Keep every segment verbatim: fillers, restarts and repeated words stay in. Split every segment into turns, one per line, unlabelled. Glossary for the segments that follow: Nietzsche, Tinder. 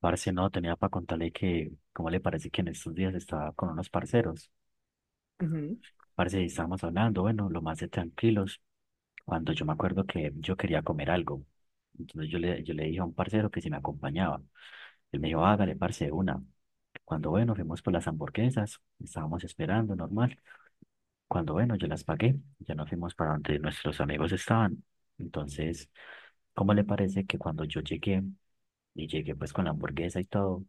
Parce, no, tenía para contarle que, ¿cómo le parece que en estos días estaba con unos parceros?
Ujú.
Parce, y estábamos hablando, bueno, lo más de tranquilos, cuando yo me acuerdo que yo quería comer algo. Entonces yo le, yo le dije a un parcero que si me acompañaba. Él me dijo, hágale, parce, de una. Cuando, bueno, fuimos por las hamburguesas, estábamos esperando, normal. Cuando, bueno, yo las pagué, ya nos fuimos para donde nuestros amigos estaban. Entonces, ¿cómo le parece que cuando yo llegué, y llegué pues con la hamburguesa y todo.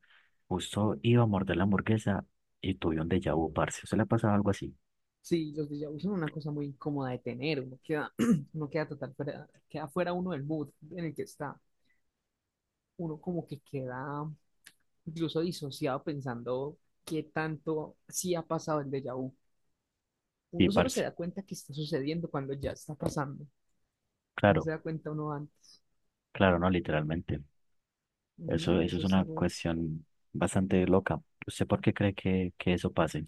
Justo iba a morder la hamburguesa y tuve un déjà vu, parce. ¿Se le ha pasado algo así?
Sí, los déjà vus son una cosa muy incómoda de tener, uno queda, uno queda total fuera, queda fuera uno del mood en el que está, uno como que queda incluso disociado pensando qué tanto sí ha pasado el déjà vu.
Sí,
Uno solo se
parce.
da cuenta que está sucediendo cuando ya está pasando, no se
Claro,
da cuenta uno antes.
claro, no, literalmente.
Ujú,
Eso,
y
eso
eso
es
es
una
algo,
cuestión bastante loca. ¿Usted por qué cree que, que eso pase?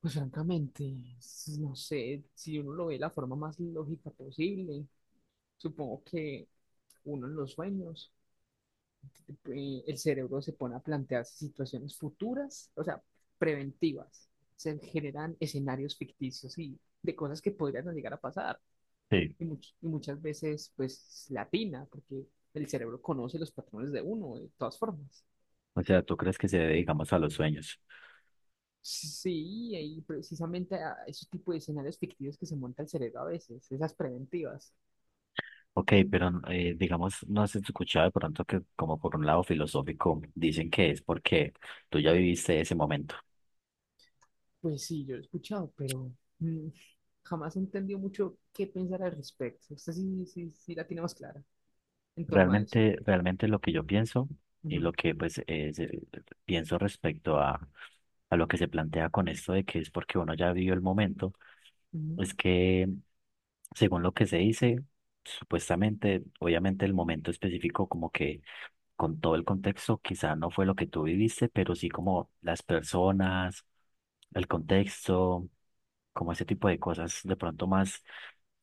pues francamente, es- no sé, si uno lo ve de la forma más lógica posible, supongo que uno en los sueños. eh, el cerebro se pone a plantearse situaciones futuras, o sea, preventivas. Se generan escenarios ficticios y de cosas que podrían no llegar a pasar.
Sí.
Y, much- y muchas veces, pues, latina, porque el cerebro conoce los patrones de uno, de todas formas.
O sea, ¿tú crees que se debe, digamos, a los sueños?
Sí, y precisamente a esos tipos de escenarios ficticios que se monta el cerebro a veces, esas preventivas.
Ok, pero eh, digamos, no has escuchado de pronto que como por un lado filosófico dicen que es porque tú ya viviste ese momento.
Pues sí, yo lo he escuchado, pero mm, jamás he entendido mucho qué pensar al respecto. Usted sí, sí, sí la tiene más clara en torno a eso.
Realmente, realmente lo que yo pienso y lo
Ujú,
que pues es, eh, pienso respecto a, a lo que se plantea con esto de que es porque uno ya vivió el momento,
ujú.
es que según lo que se dice, supuestamente, obviamente el momento específico como que con todo el contexto quizá no fue lo que tú viviste, pero sí como las personas, el contexto, como ese tipo de cosas de pronto más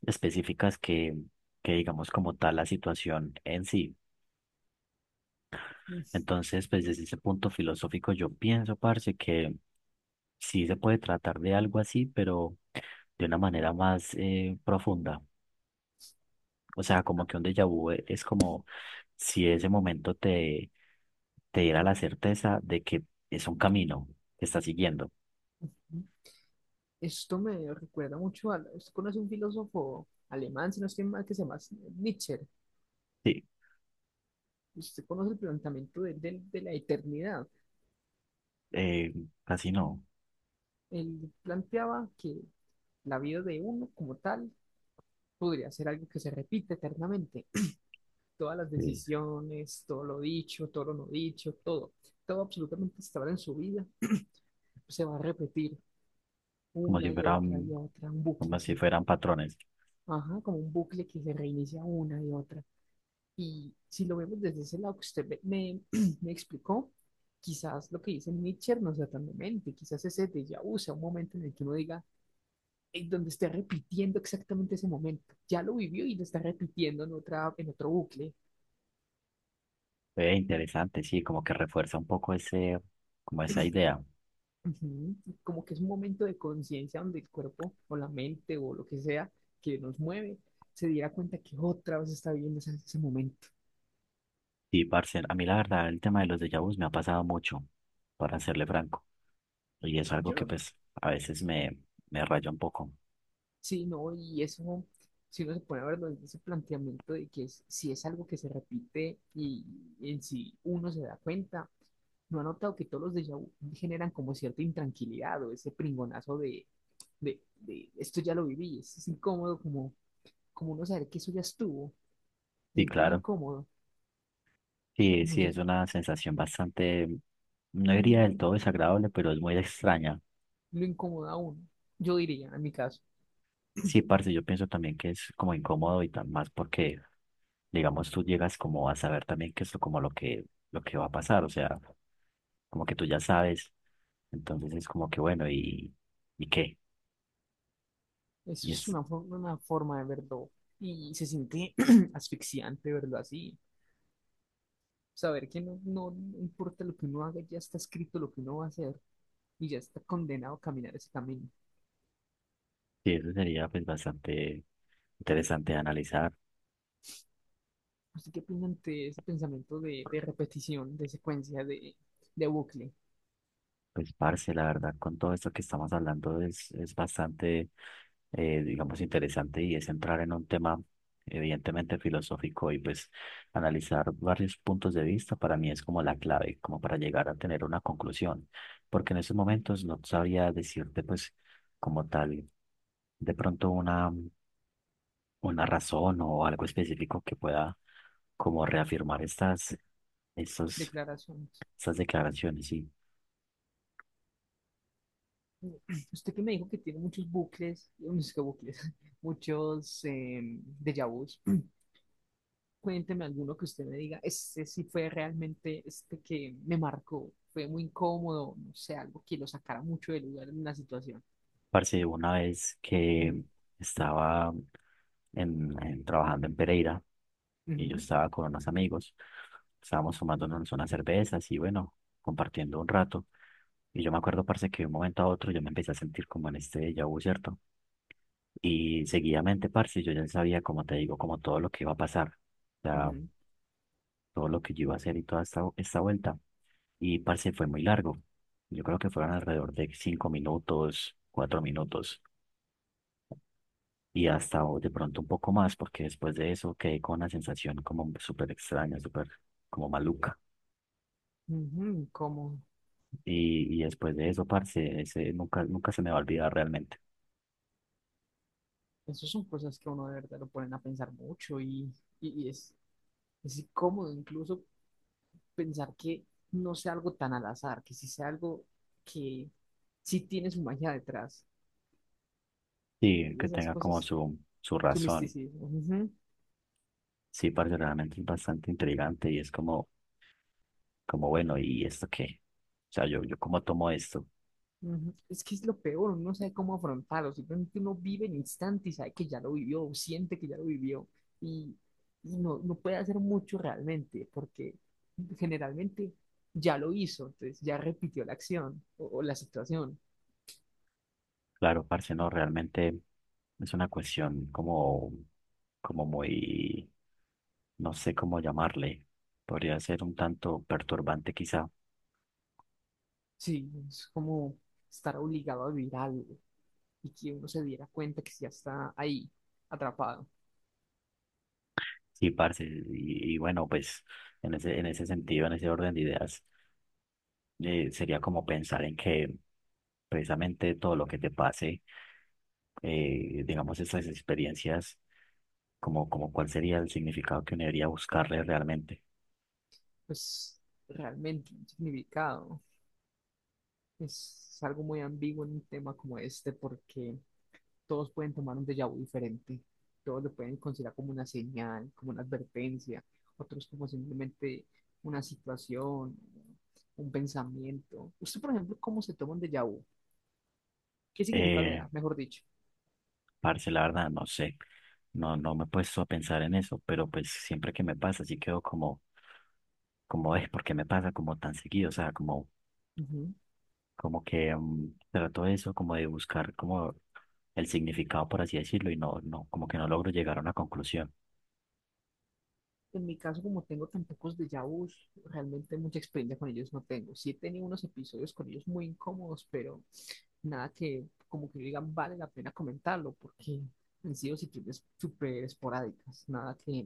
específicas que que digamos como tal la situación en sí.
Es-
Entonces, pues desde ese punto filosófico yo pienso, parce, que sí se puede tratar de algo así, pero de una manera más eh, profunda. O sea, como
ah,
que un déjà vu e- es como si ese momento te, te diera la certeza de que es un camino que estás siguiendo.
Esto me recuerda mucho a... ¿Usted conoce un filósofo alemán, si no estoy mal, que se llama Nietzsche?
Sí,
Usted conoce el planteamiento de, de- de la eternidad.
eh, casi no.
Él planteaba que la vida de uno como tal podría ser algo que se repite eternamente. Todas las
Sí.
decisiones, todo lo dicho, todo lo no dicho, todo, todo absolutamente hasta ahora en su vida se va a repetir
Como si
una y otra y
fueran,
otra, un bucle,
como si
sí.
fueran patrones.
Ajá, como un bucle que se reinicia una y otra. Y si lo vemos desde ese lado que usted me, me- me explicó, quizás lo que dice Nietzsche no sea tan demente, quizás ese déjà vu sea un momento en el que uno diga, "Ey, donde esté repitiendo exactamente ese momento, ya lo vivió y lo está repitiendo en otra, en otro bucle".
Eh, interesante, sí, como que refuerza un poco ese, como esa idea.
Ujú. Como que es un momento de conciencia donde el cuerpo o la mente o lo que sea que nos mueve se diera cuenta que otra vez está viviendo ese, ese momento.
Sí, parce, a mí la verdad el tema de los déjà vus me ha pasado mucho, para serle franco, y es algo
Yo
que
no,
pues a veces me, me raya un poco.
sí, no, y eso, si uno se pone a verlo desde ese planteamiento de que es- si es algo que se repite y en sí uno se da cuenta, no ha notado que todos los déjà vu generan como cierta intranquilidad o ese pringonazo de, de, de esto ya lo viví, es, es incómodo como, como uno saber que eso ya estuvo, se
Sí,
siente uno
claro,
incómodo,
sí,
no
sí, es
sé,
una sensación bastante, no diría del todo desagradable, pero es muy extraña.
lo incomoda a uno, yo diría en mi caso,
Sí, parce, yo pienso también que es como incómodo y tan más porque, digamos, tú llegas como a saber también que es como lo que, lo que va a pasar, o sea, como que tú ya sabes, entonces es como que bueno, ¿y, ¿y qué?
eso
Y
es
es,
una, for- una forma de verlo y se siente asfixiante verlo así. Saber que no, no no importa lo que uno haga, ya está escrito lo que uno va a hacer y ya está condenado a caminar ese camino.
sí, eso sería pues bastante interesante de analizar.
¿Usted qué opina ante ese pensamiento de, de repetición, de secuencia, de, de bucle,
Pues, parce, la verdad, con todo esto que estamos hablando es, es bastante, eh, digamos, interesante y es entrar en un tema evidentemente filosófico y pues analizar varios puntos de vista para mí es como la clave, como para llegar a tener una conclusión, porque en esos momentos no sabría decirte pues como tal de pronto una, una razón o algo específico que pueda como reafirmar estas, estos,
declaraciones?
estas declaraciones. Sí.
Usted que me dijo que tiene muchos bucles, no sé qué bucles, muchos eh, déjà vus. Cuénteme alguno que usted me diga, ese sí fue realmente este que me marcó, fue muy incómodo, no sé, algo que lo sacara mucho del lugar en una situación.
Parce, una vez que
Ujú,
estaba en, en- trabajando en Pereira y yo
ujú,
estaba con unos amigos, estábamos tomándonos unas cervezas y bueno, compartiendo un rato. Y yo me acuerdo, parce, que de un momento a otro yo me empecé a sentir como en este déjà vu, ¿cierto? Y seguidamente, parce, yo ya sabía, como te digo, como todo lo que iba a pasar, o sea,
ujú.
todo lo que yo iba a hacer y toda esta, esta vuelta. Y parce, fue muy largo. Yo creo que fueron alrededor de cinco minutos, cuatro minutos, y hasta o de pronto un poco más, porque después de eso quedé con una sensación como súper extraña, súper como maluca.
Ujú, como
Y, y después de eso, parce, ese nunca, nunca se me va a olvidar realmente.
esas son cosas que a uno de verdad lo ponen a pensar mucho y, y- y es, es incómodo incluso pensar que no sea algo tan al azar, que sí sea algo que sí tiene su magia detrás.
Sí,
Es de
que
esas
tenga como
cosas,
su, su
su
razón.
misticismo. Ujú.
Sí, parce, realmente es bastante intrigante y es como, como bueno, ¿y esto qué? O sea, yo, yo cómo tomo esto.
Ujú. Es que es lo peor, uno no sabe cómo afrontarlo, simplemente uno vive el instante y sabe que ya lo vivió, o siente que ya lo vivió, y, y no, no puede hacer mucho realmente, porque generalmente ya lo hizo, entonces ya repitió la acción o, o la situación.
Claro, parce, no, realmente es una cuestión como, como muy, no sé cómo llamarle, podría ser un tanto perturbante quizá.
Sí, es como estar obligado a vivir algo y que uno se diera cuenta que ya está ahí, atrapado.
Sí, parce, y, y bueno, pues en ese, en ese sentido, en ese orden de ideas, eh, sería como pensar en que precisamente todo lo que te pase, eh, digamos, esas experiencias, como, como cuál sería el significado que uno debería buscarle realmente.
Pues realmente un significado. Es algo muy ambiguo en un tema como este, porque todos pueden tomar un déjà vu diferente, todos lo pueden considerar como una señal, como una advertencia, otros como simplemente una situación, un pensamiento. Usted, por ejemplo, ¿cómo se toma un déjà vu? ¿Qué significa la
Eh,
edad, mejor dicho?
Parce, la verdad, no sé. No, no me he puesto a pensar en eso, pero pues siempre que me pasa, sí quedo como, como es, porque me pasa como tan seguido, o sea, como,
Ujú.
como que mm, trato eso, como de buscar como el significado, por así decirlo, y no, no, como que no logro llegar a una conclusión.
En mi caso, como tengo tan pocos déjà vus, realmente mucha experiencia con ellos no tengo. Sí he tenido unos episodios con ellos muy incómodos, pero nada que como que digan vale la pena comentarlo, porque han sido situaciones súper esporádicas, nada que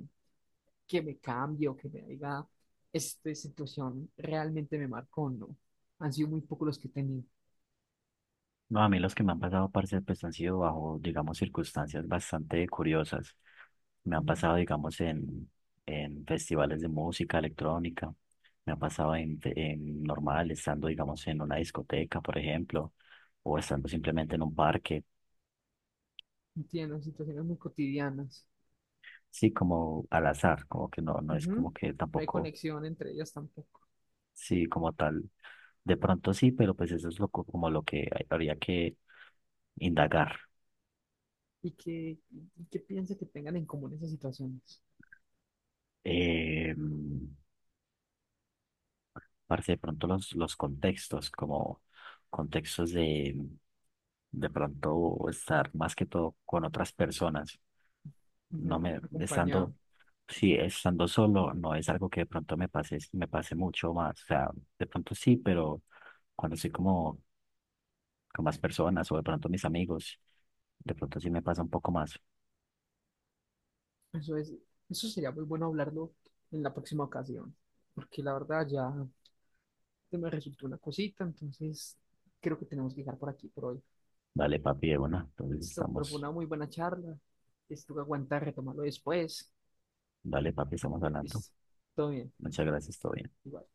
que me cambie o que me diga, esta situación realmente me marcó, no. Han sido muy pocos los que he tenido.
No, a mí los que me han pasado, parce, pues han sido bajo, digamos, circunstancias bastante curiosas. Me han
Ujú.
pasado, digamos, en, en festivales de música electrónica. Me ha pasado en, fe- en normal, estando, digamos, en una discoteca, por ejemplo, o estando simplemente en un parque.
Entiendo, situaciones muy cotidianas.
Sí, como al azar, como que no, no es
Ujú.
como que
No hay
tampoco,
conexión entre ellas tampoco.
sí, como tal. De pronto sí, pero pues eso es lo, co- como lo que hay- habría que indagar.
¿Y qué, y qué piensa que tengan en común esas situaciones?
Eh, Parce, de pronto los, los contextos, como contextos de, de pronto estar más que todo con otras personas. No
Ujú.
me, estando,
Acompañado.
sí, estando solo, no es algo que de pronto me pase, me pase mucho más. O sea, de pronto sí, pero cuando estoy como con más personas o de pronto mis amigos, de pronto sí me pasa un poco más.
Eso es, eso sería muy bueno hablarlo en la próxima ocasión, porque la verdad ya me resultó una cosita, entonces creo que tenemos que dejar por aquí por hoy.
Dale, papi, de una. Entonces
Listo, pero fue
estamos,
una muy buena charla. Listo, que aguantar, retomarlo después.
dale, papi, estamos hablando.
Listo, todo bien.
Muchas gracias, todo bien.
Igual.